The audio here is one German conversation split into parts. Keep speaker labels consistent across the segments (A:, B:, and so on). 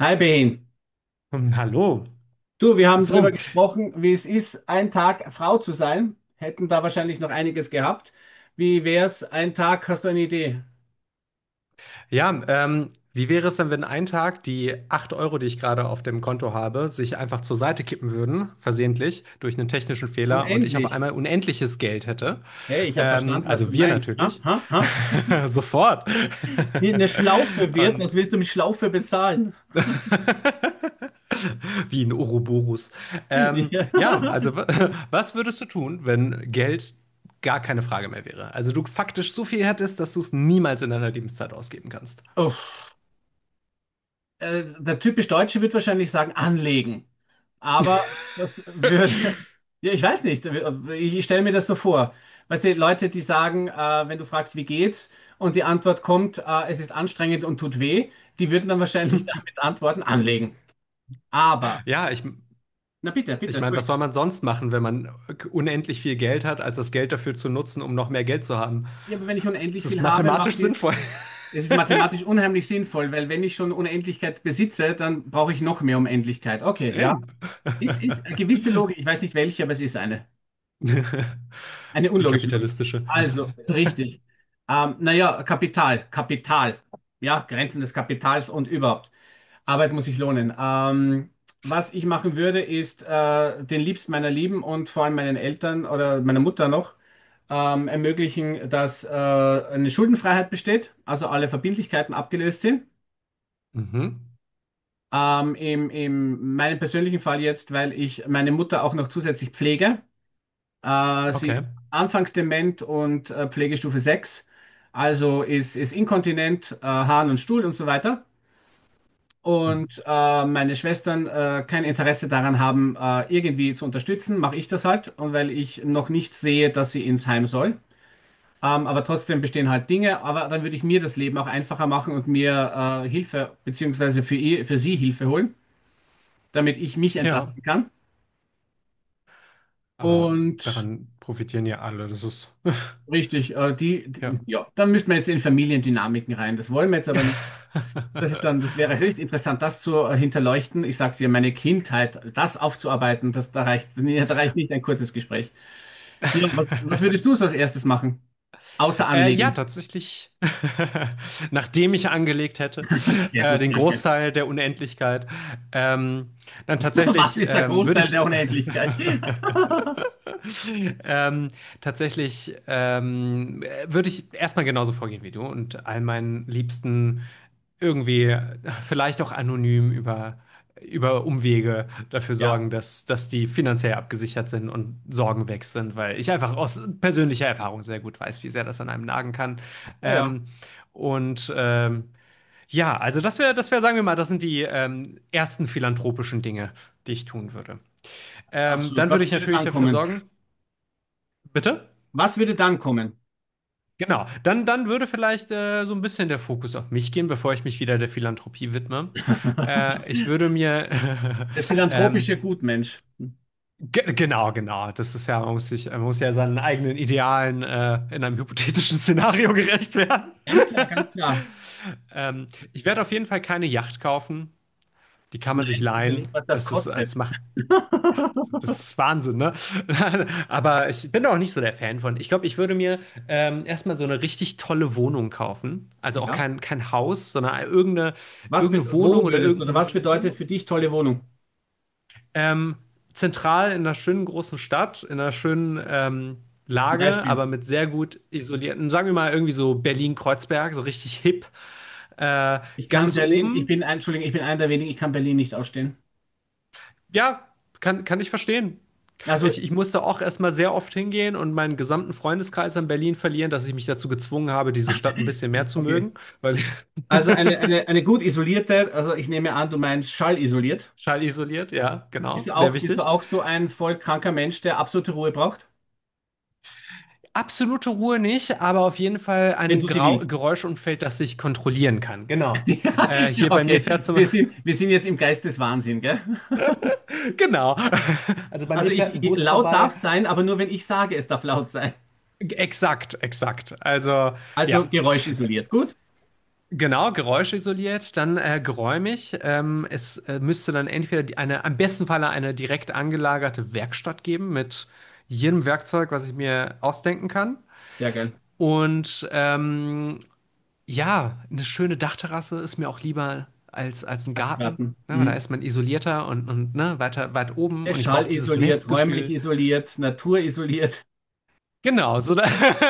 A: Hi Behin.
B: Hallo.
A: Du, wir haben drüber
B: So,
A: gesprochen, wie es ist, ein Tag Frau zu sein. Hätten da wahrscheinlich noch einiges gehabt. Wie wär's, ein Tag, hast du eine Idee?
B: ja, wie wäre es denn, wenn ein Tag die 8 Euro, die ich gerade auf dem Konto habe, sich einfach zur Seite kippen würden, versehentlich, durch einen technischen Fehler und ich auf
A: Unendlich.
B: einmal unendliches Geld hätte?
A: Hey, ich habe verstanden, was du
B: Also wir
A: meinst. Ha,
B: natürlich.
A: ha, ha.
B: Sofort.
A: Wie eine Schlaufe wird,
B: Und
A: was willst du mit Schlaufe bezahlen?
B: wie ein Ouroboros.
A: Ja.
B: Ja, also was würdest du tun, wenn Geld gar keine Frage mehr wäre? Also du faktisch so viel hättest, dass du es niemals in deiner Lebenszeit ausgeben kannst.
A: Uff. Der typisch Deutsche wird wahrscheinlich sagen, anlegen. Aber das würde, ja, ich weiß nicht, ich stelle mir das so vor. Weißt du, Leute, die sagen, wenn du fragst, wie geht's, und die Antwort kommt, es ist anstrengend und tut weh, die würden dann wahrscheinlich damit antworten, anlegen. Aber,
B: Ja,
A: na bitte, bitte,
B: ich meine, was soll
A: Entschuldigung.
B: man sonst machen, wenn man unendlich viel Geld hat, als das Geld dafür zu nutzen, um noch mehr Geld zu haben?
A: Ja, aber wenn ich
B: Es
A: unendlich
B: ist
A: viel habe,
B: mathematisch
A: macht die,
B: sinnvoll.
A: es ist mathematisch unheimlich sinnvoll, weil wenn ich schon Unendlichkeit besitze, dann brauche ich noch mehr Unendlichkeit. Okay, ja.
B: Eben.
A: Es ist eine gewisse Logik, ich weiß nicht welche, aber es ist eine. Eine
B: Die
A: unlogische Logik.
B: kapitalistische.
A: Also, richtig. Naja, Kapital, Kapital. Ja, Grenzen des Kapitals und überhaupt. Arbeit muss sich lohnen. Was ich machen würde, ist den Liebsten meiner Lieben und vor allem meinen Eltern oder meiner Mutter noch ermöglichen, dass eine Schuldenfreiheit besteht, also alle Verbindlichkeiten abgelöst sind.
B: Mhm.
A: Im, im meinem persönlichen Fall jetzt, weil ich meine Mutter auch noch zusätzlich pflege. Sie
B: Okay.
A: ist anfangs dement und Pflegestufe 6, also ist inkontinent, Harn und Stuhl und so weiter.
B: Hm.
A: Und meine Schwestern kein Interesse daran haben, irgendwie zu unterstützen, mache ich das halt. Und weil ich noch nicht sehe, dass sie ins Heim soll. Aber trotzdem bestehen halt Dinge. Aber dann würde ich mir das Leben auch einfacher machen und mir Hilfe, beziehungsweise für sie Hilfe holen, damit ich mich
B: Ja.
A: entlasten kann.
B: Aber
A: Und
B: daran profitieren ja alle. Das ist,
A: richtig,
B: ja.
A: ja, dann müssten wir jetzt in Familiendynamiken rein. Das wollen wir jetzt aber nicht. Das ist dann, das wäre höchst interessant, das zu hinterleuchten. Ich sag's dir, meine Kindheit, das aufzuarbeiten, das, da reicht, nee, da reicht nicht ein kurzes Gespräch. Ja, was würdest du so als erstes machen? Außer
B: Ja,
A: anlegen.
B: tatsächlich. Nachdem ich angelegt hätte,
A: Sehr gut,
B: den
A: danke.
B: Großteil der Unendlichkeit, ähm, dann
A: Was
B: tatsächlich
A: ist der
B: ähm, würde
A: Großteil
B: ich
A: der Unendlichkeit?
B: ähm, tatsächlich würde ich erstmal genauso vorgehen wie du und all meinen Liebsten irgendwie vielleicht auch anonym über Umwege dafür
A: Ja,
B: sorgen, dass die finanziell abgesichert sind und Sorgen weg sind, weil ich einfach aus persönlicher Erfahrung sehr gut weiß, wie sehr das an einem nagen kann.
A: oh ja,
B: Ähm, und ähm, ja, also das wäre, sagen wir mal, das sind die ersten philanthropischen Dinge, die ich tun würde.
A: absolut.
B: Dann würde
A: Was
B: ich
A: würde
B: natürlich
A: dann
B: dafür
A: kommen?
B: sorgen, bitte?
A: Was würde dann kommen?
B: Genau, dann, dann würde vielleicht so ein bisschen der Fokus auf mich gehen, bevor ich mich wieder der Philanthropie widme.
A: Der
B: Ich würde mir ähm,
A: philanthropische Gutmensch.
B: Genau, genau. Das ist ja, man muss sich, man muss ja seinen eigenen Idealen in einem hypothetischen Szenario gerecht werden.
A: Ganz klar, ganz klar.
B: ähm, Ich werde auf jeden Fall keine Yacht kaufen. Die kann man sich
A: Nein,
B: leihen.
A: überleg, was das
B: Das ist,
A: kostet.
B: das macht, das ist Wahnsinn, ne? Aber ich bin da auch nicht so der Fan von. Ich glaube, ich würde mir erstmal so eine richtig tolle Wohnung kaufen. Also auch
A: Ja.
B: kein, kein Haus, sondern irgendeine,
A: Was, bet-
B: irgendeine Wohnung
A: wo
B: oder
A: würdest du oder
B: irgendein
A: was
B: Turm.
A: bedeutet für dich tolle Wohnung?
B: Ähm, Zentral in einer schönen großen Stadt, in einer schönen
A: Ein
B: Lage,
A: Beispiel.
B: aber mit sehr gut isolierten, sagen wir mal irgendwie so Berlin-Kreuzberg, so richtig hip, äh,
A: Ich kann
B: ganz
A: Berlin, ich
B: oben.
A: bin, ein- Entschuldigung, ich bin einer der wenigen, ich kann Berlin nicht ausstehen.
B: Ja, kann, kann ich verstehen.
A: Also,
B: Ich musste auch erstmal sehr oft hingehen und meinen gesamten Freundeskreis in Berlin verlieren, dass ich mich dazu gezwungen habe, diese Stadt ein bisschen mehr zu
A: okay.
B: mögen, weil
A: Also eine gut isolierte, also ich nehme an, du meinst schallisoliert.
B: schallisoliert, ja, genau, sehr
A: Bist du
B: wichtig.
A: auch so ein voll kranker Mensch, der absolute Ruhe braucht?
B: Absolute Ruhe nicht, aber auf jeden Fall
A: Wenn
B: ein
A: du sie
B: Grau
A: willst.
B: Geräuschumfeld, das ich kontrollieren kann. Genau.
A: Ja,
B: Hier bei mir
A: okay.
B: fährt zum
A: Wir sind jetzt im Geist des Wahnsinn, gell?
B: genau. Also bei
A: Also
B: mir fährt ein Bus
A: laut darf
B: vorbei.
A: sein, aber nur wenn ich sage, es darf laut sein.
B: Exakt, exakt. Also
A: Also
B: ja,
A: geräuschisoliert. Gut?
B: genau. Geräuschisoliert, dann geräumig. Es müsste dann entweder eine, am besten Falle eine direkt angelagerte Werkstatt geben mit jedem Werkzeug, was ich mir ausdenken kann.
A: Sehr geil.
B: Und ja, eine schöne Dachterrasse ist mir auch lieber als, als ein Garten.
A: Dachgarten.
B: Ne, weil da
A: Mhm.
B: ist man isolierter und ne, weiter, weit oben
A: Der
B: und ich brauche
A: Schall
B: dieses
A: isoliert, räumlich
B: Nestgefühl.
A: isoliert, naturisoliert.
B: Genau, so da,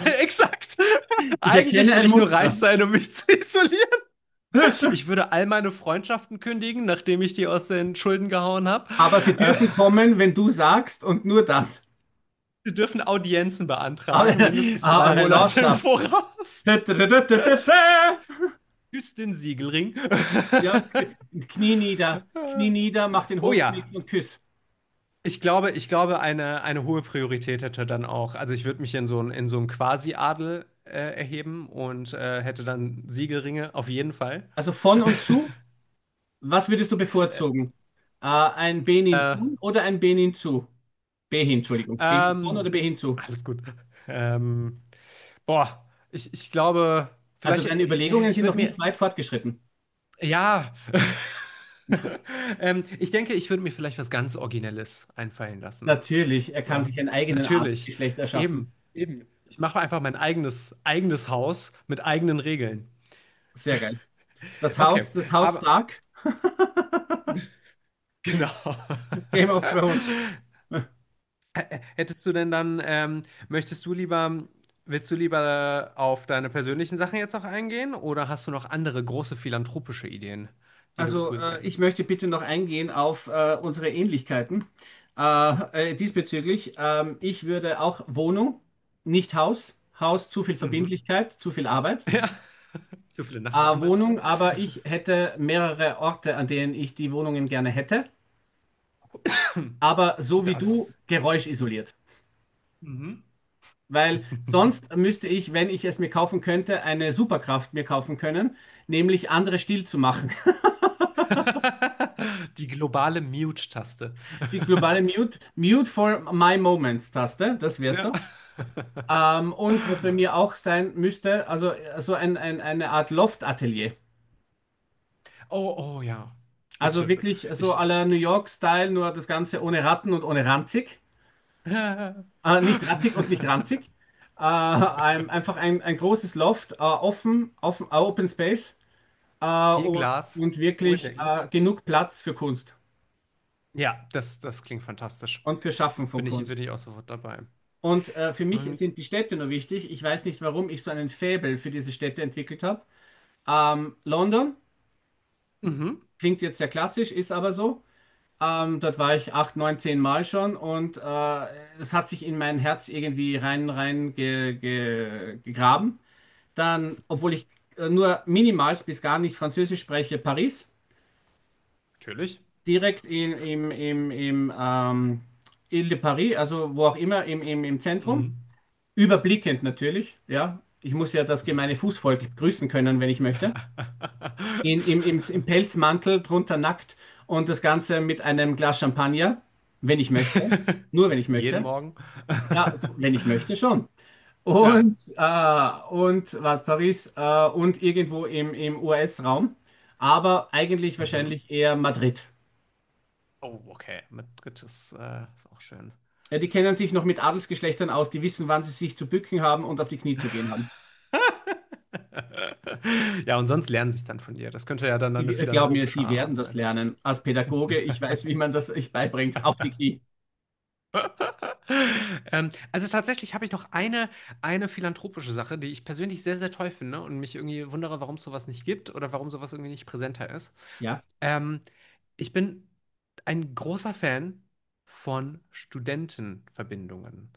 B: exakt.
A: Ich
B: Eigentlich
A: erkenne
B: will
A: ein
B: ich nur reich
A: Muster.
B: sein, um mich zu isolieren. Ich würde all meine Freundschaften kündigen, nachdem ich die aus den Schulden gehauen habe.
A: Aber Sie
B: Äh,
A: dürfen kommen, wenn du sagst und nur dann.
B: Sie dürfen Audienzen
A: Aber,
B: beantragen, mindestens
A: ah,
B: drei
A: eure
B: Monate im
A: Lordschaft.
B: Voraus. Küsst den Siegelring.
A: Ja, Knie nieder, mach den
B: Oh ja,
A: Hofknick und küss.
B: ich glaube, ich glaube, eine hohe Priorität hätte dann auch, also ich würde mich in so einen Quasi-Adel erheben und hätte dann Siegelringe, auf jeden Fall.
A: Also von und zu, was würdest du bevorzugen? Ein Benin
B: Äh,
A: von oder ein Benin zu? Behin, Entschuldigung. Behin von
B: ähm,
A: oder Behin zu?
B: Alles gut. Ähm, Boah, ich glaube,
A: Also
B: vielleicht,
A: deine Überlegungen
B: ich
A: sind noch
B: würde mir,
A: nicht weit fortgeschritten.
B: ja, ich denke, ich würde mir vielleicht was ganz Originelles einfallen lassen.
A: Natürlich, er kann
B: So,
A: sich einen eigenen
B: natürlich,
A: Adelsgeschlecht erschaffen.
B: eben, eben. Ich mache einfach mein eigenes, eigenes Haus mit eigenen Regeln.
A: Sehr geil.
B: Okay,
A: Das Haus
B: aber.
A: Stark,
B: Genau.
A: Game of Thrones.
B: Hättest du denn dann, möchtest du lieber, willst du lieber auf deine persönlichen Sachen jetzt noch eingehen oder hast du noch andere große philanthropische Ideen, die du
A: Also,
B: cool
A: ich
B: fändest?
A: möchte bitte noch eingehen auf unsere Ähnlichkeiten diesbezüglich. Ich würde auch Wohnung, nicht Haus. Haus, zu viel
B: Mhm.
A: Verbindlichkeit, zu viel Arbeit.
B: Ja, zu viele Nachbarn
A: Wohnung,
B: manchmal.
A: aber ich hätte mehrere Orte, an denen ich die Wohnungen gerne hätte. Aber so wie
B: Das
A: du,
B: ist.
A: geräuschisoliert.
B: Mhm.
A: Weil sonst müsste ich, wenn ich es mir kaufen könnte, eine Superkraft mir kaufen können, nämlich andere still zu machen.
B: Die globale Mute-Taste.
A: Die globale Mute, Mute for My Moments-Taste, das wär's
B: Ja.
A: doch. Und was bei mir auch sein müsste, also so eine Art Loft-Atelier.
B: Oh, oh ja.
A: Also
B: Bitte.
A: wirklich so
B: Ich.
A: à la New York-Style, nur das Ganze ohne Ratten und ohne ranzig.
B: Viel
A: Nicht rattig und nicht ranzig. Einfach ein großes Loft, offen, offen, Open Space äh, und,
B: Glas,
A: und
B: hohe
A: wirklich
B: Decken.
A: genug Platz für Kunst
B: Ja, das, das klingt fantastisch.
A: und für Schaffen von
B: Bin
A: Kunst.
B: ich auch sofort dabei.
A: Und für mich
B: Und,
A: sind die Städte nur wichtig. Ich weiß nicht, warum ich so einen Faible für diese Städte entwickelt habe. London
B: mhm,
A: klingt jetzt sehr klassisch, ist aber so. Dort war ich acht, neun, zehn Mal schon und es hat sich in mein Herz irgendwie gegraben. Dann, obwohl ich nur minimal bis gar nicht Französisch spreche, Paris.
B: natürlich.
A: Direkt im Ile de Paris, also wo auch immer, im Zentrum.
B: Mhm.
A: Überblickend natürlich, ja. Ich muss ja das gemeine Fußvolk grüßen können, wenn ich möchte. In, im, im, Im Pelzmantel, drunter nackt und das Ganze mit einem Glas Champagner, wenn ich möchte. Nur wenn ich
B: Jeden
A: möchte.
B: Morgen.
A: Ja, du, wenn ich möchte schon.
B: Ja.
A: Und, warte, Paris und irgendwo im US-Raum, aber eigentlich
B: Mhm.
A: wahrscheinlich eher Madrid.
B: Oh, okay. Mit Grit ist, ist auch schön.
A: Ja, die kennen sich noch mit Adelsgeschlechtern aus, die wissen, wann sie sich zu bücken haben und auf die Knie zu gehen haben.
B: Ja, und sonst lernen sie es dann von dir. Das könnte ja dann eine
A: Die, glaub mir,
B: philanthropische
A: die werden
B: Arbeit
A: das
B: sein.
A: lernen. Als Pädagoge, ich weiß, wie man das euch beibringt, auf die Knie.
B: Also tatsächlich habe ich noch eine philanthropische Sache, die ich persönlich sehr, sehr toll finde und mich irgendwie wundere, warum es sowas nicht gibt oder warum sowas irgendwie nicht präsenter ist.
A: Ja,
B: Ähm, Ich bin ein großer Fan von Studentenverbindungen.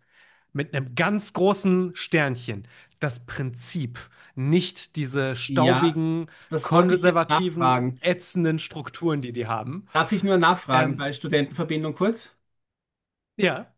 B: Mit einem ganz großen Sternchen. Das Prinzip. Nicht diese
A: ja,
B: staubigen,
A: das wollte ich jetzt
B: konservativen,
A: nachfragen.
B: ätzenden Strukturen, die die haben.
A: Darf ich nur nachfragen
B: Ähm,
A: bei Studentenverbindung kurz?
B: ja.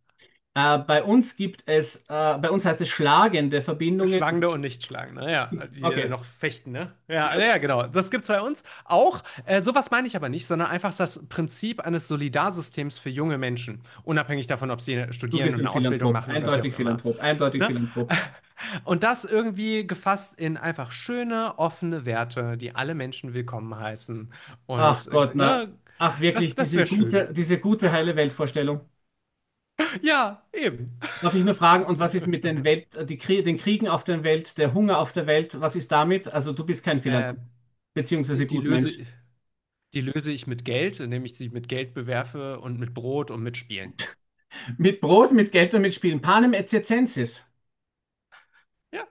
A: Bei uns heißt es schlagende Verbindungen. Und
B: Schlagende und Nichtschlagende,
A: es
B: ja,
A: gibt,
B: die
A: okay,
B: noch fechten, ne? Ja,
A: ja,
B: ja, ja, genau. Das gibt's bei uns auch. Sowas meine ich aber nicht, sondern einfach das Prinzip eines Solidarsystems für junge Menschen, unabhängig davon, ob sie
A: du
B: studieren
A: bist
B: und
A: ein
B: eine Ausbildung
A: Philanthrop,
B: machen oder wie
A: eindeutig
B: auch immer.
A: Philanthrop, eindeutig
B: Ne?
A: Philanthrop.
B: Und das irgendwie gefasst in einfach schöne, offene Werte, die alle Menschen willkommen heißen.
A: Ach
B: Und
A: Gott, na,
B: ne,
A: ach wirklich,
B: das, das wäre schön.
A: diese gute heile Weltvorstellung.
B: Ja, eben.
A: Darf ich nur fragen, und was ist mit den Welt, die Krie den Kriegen auf der Welt, der Hunger auf der Welt, was ist damit? Also du bist kein
B: Äh,
A: Philanthrop,
B: die,
A: beziehungsweise
B: die Löse,
A: Gutmensch.
B: Die löse ich mit Geld, indem ich sie mit Geld bewerfe und mit Brot und mit Spielen.
A: Mit Brot, mit Geld und mit Spielen. Panem et circenses.
B: Ja,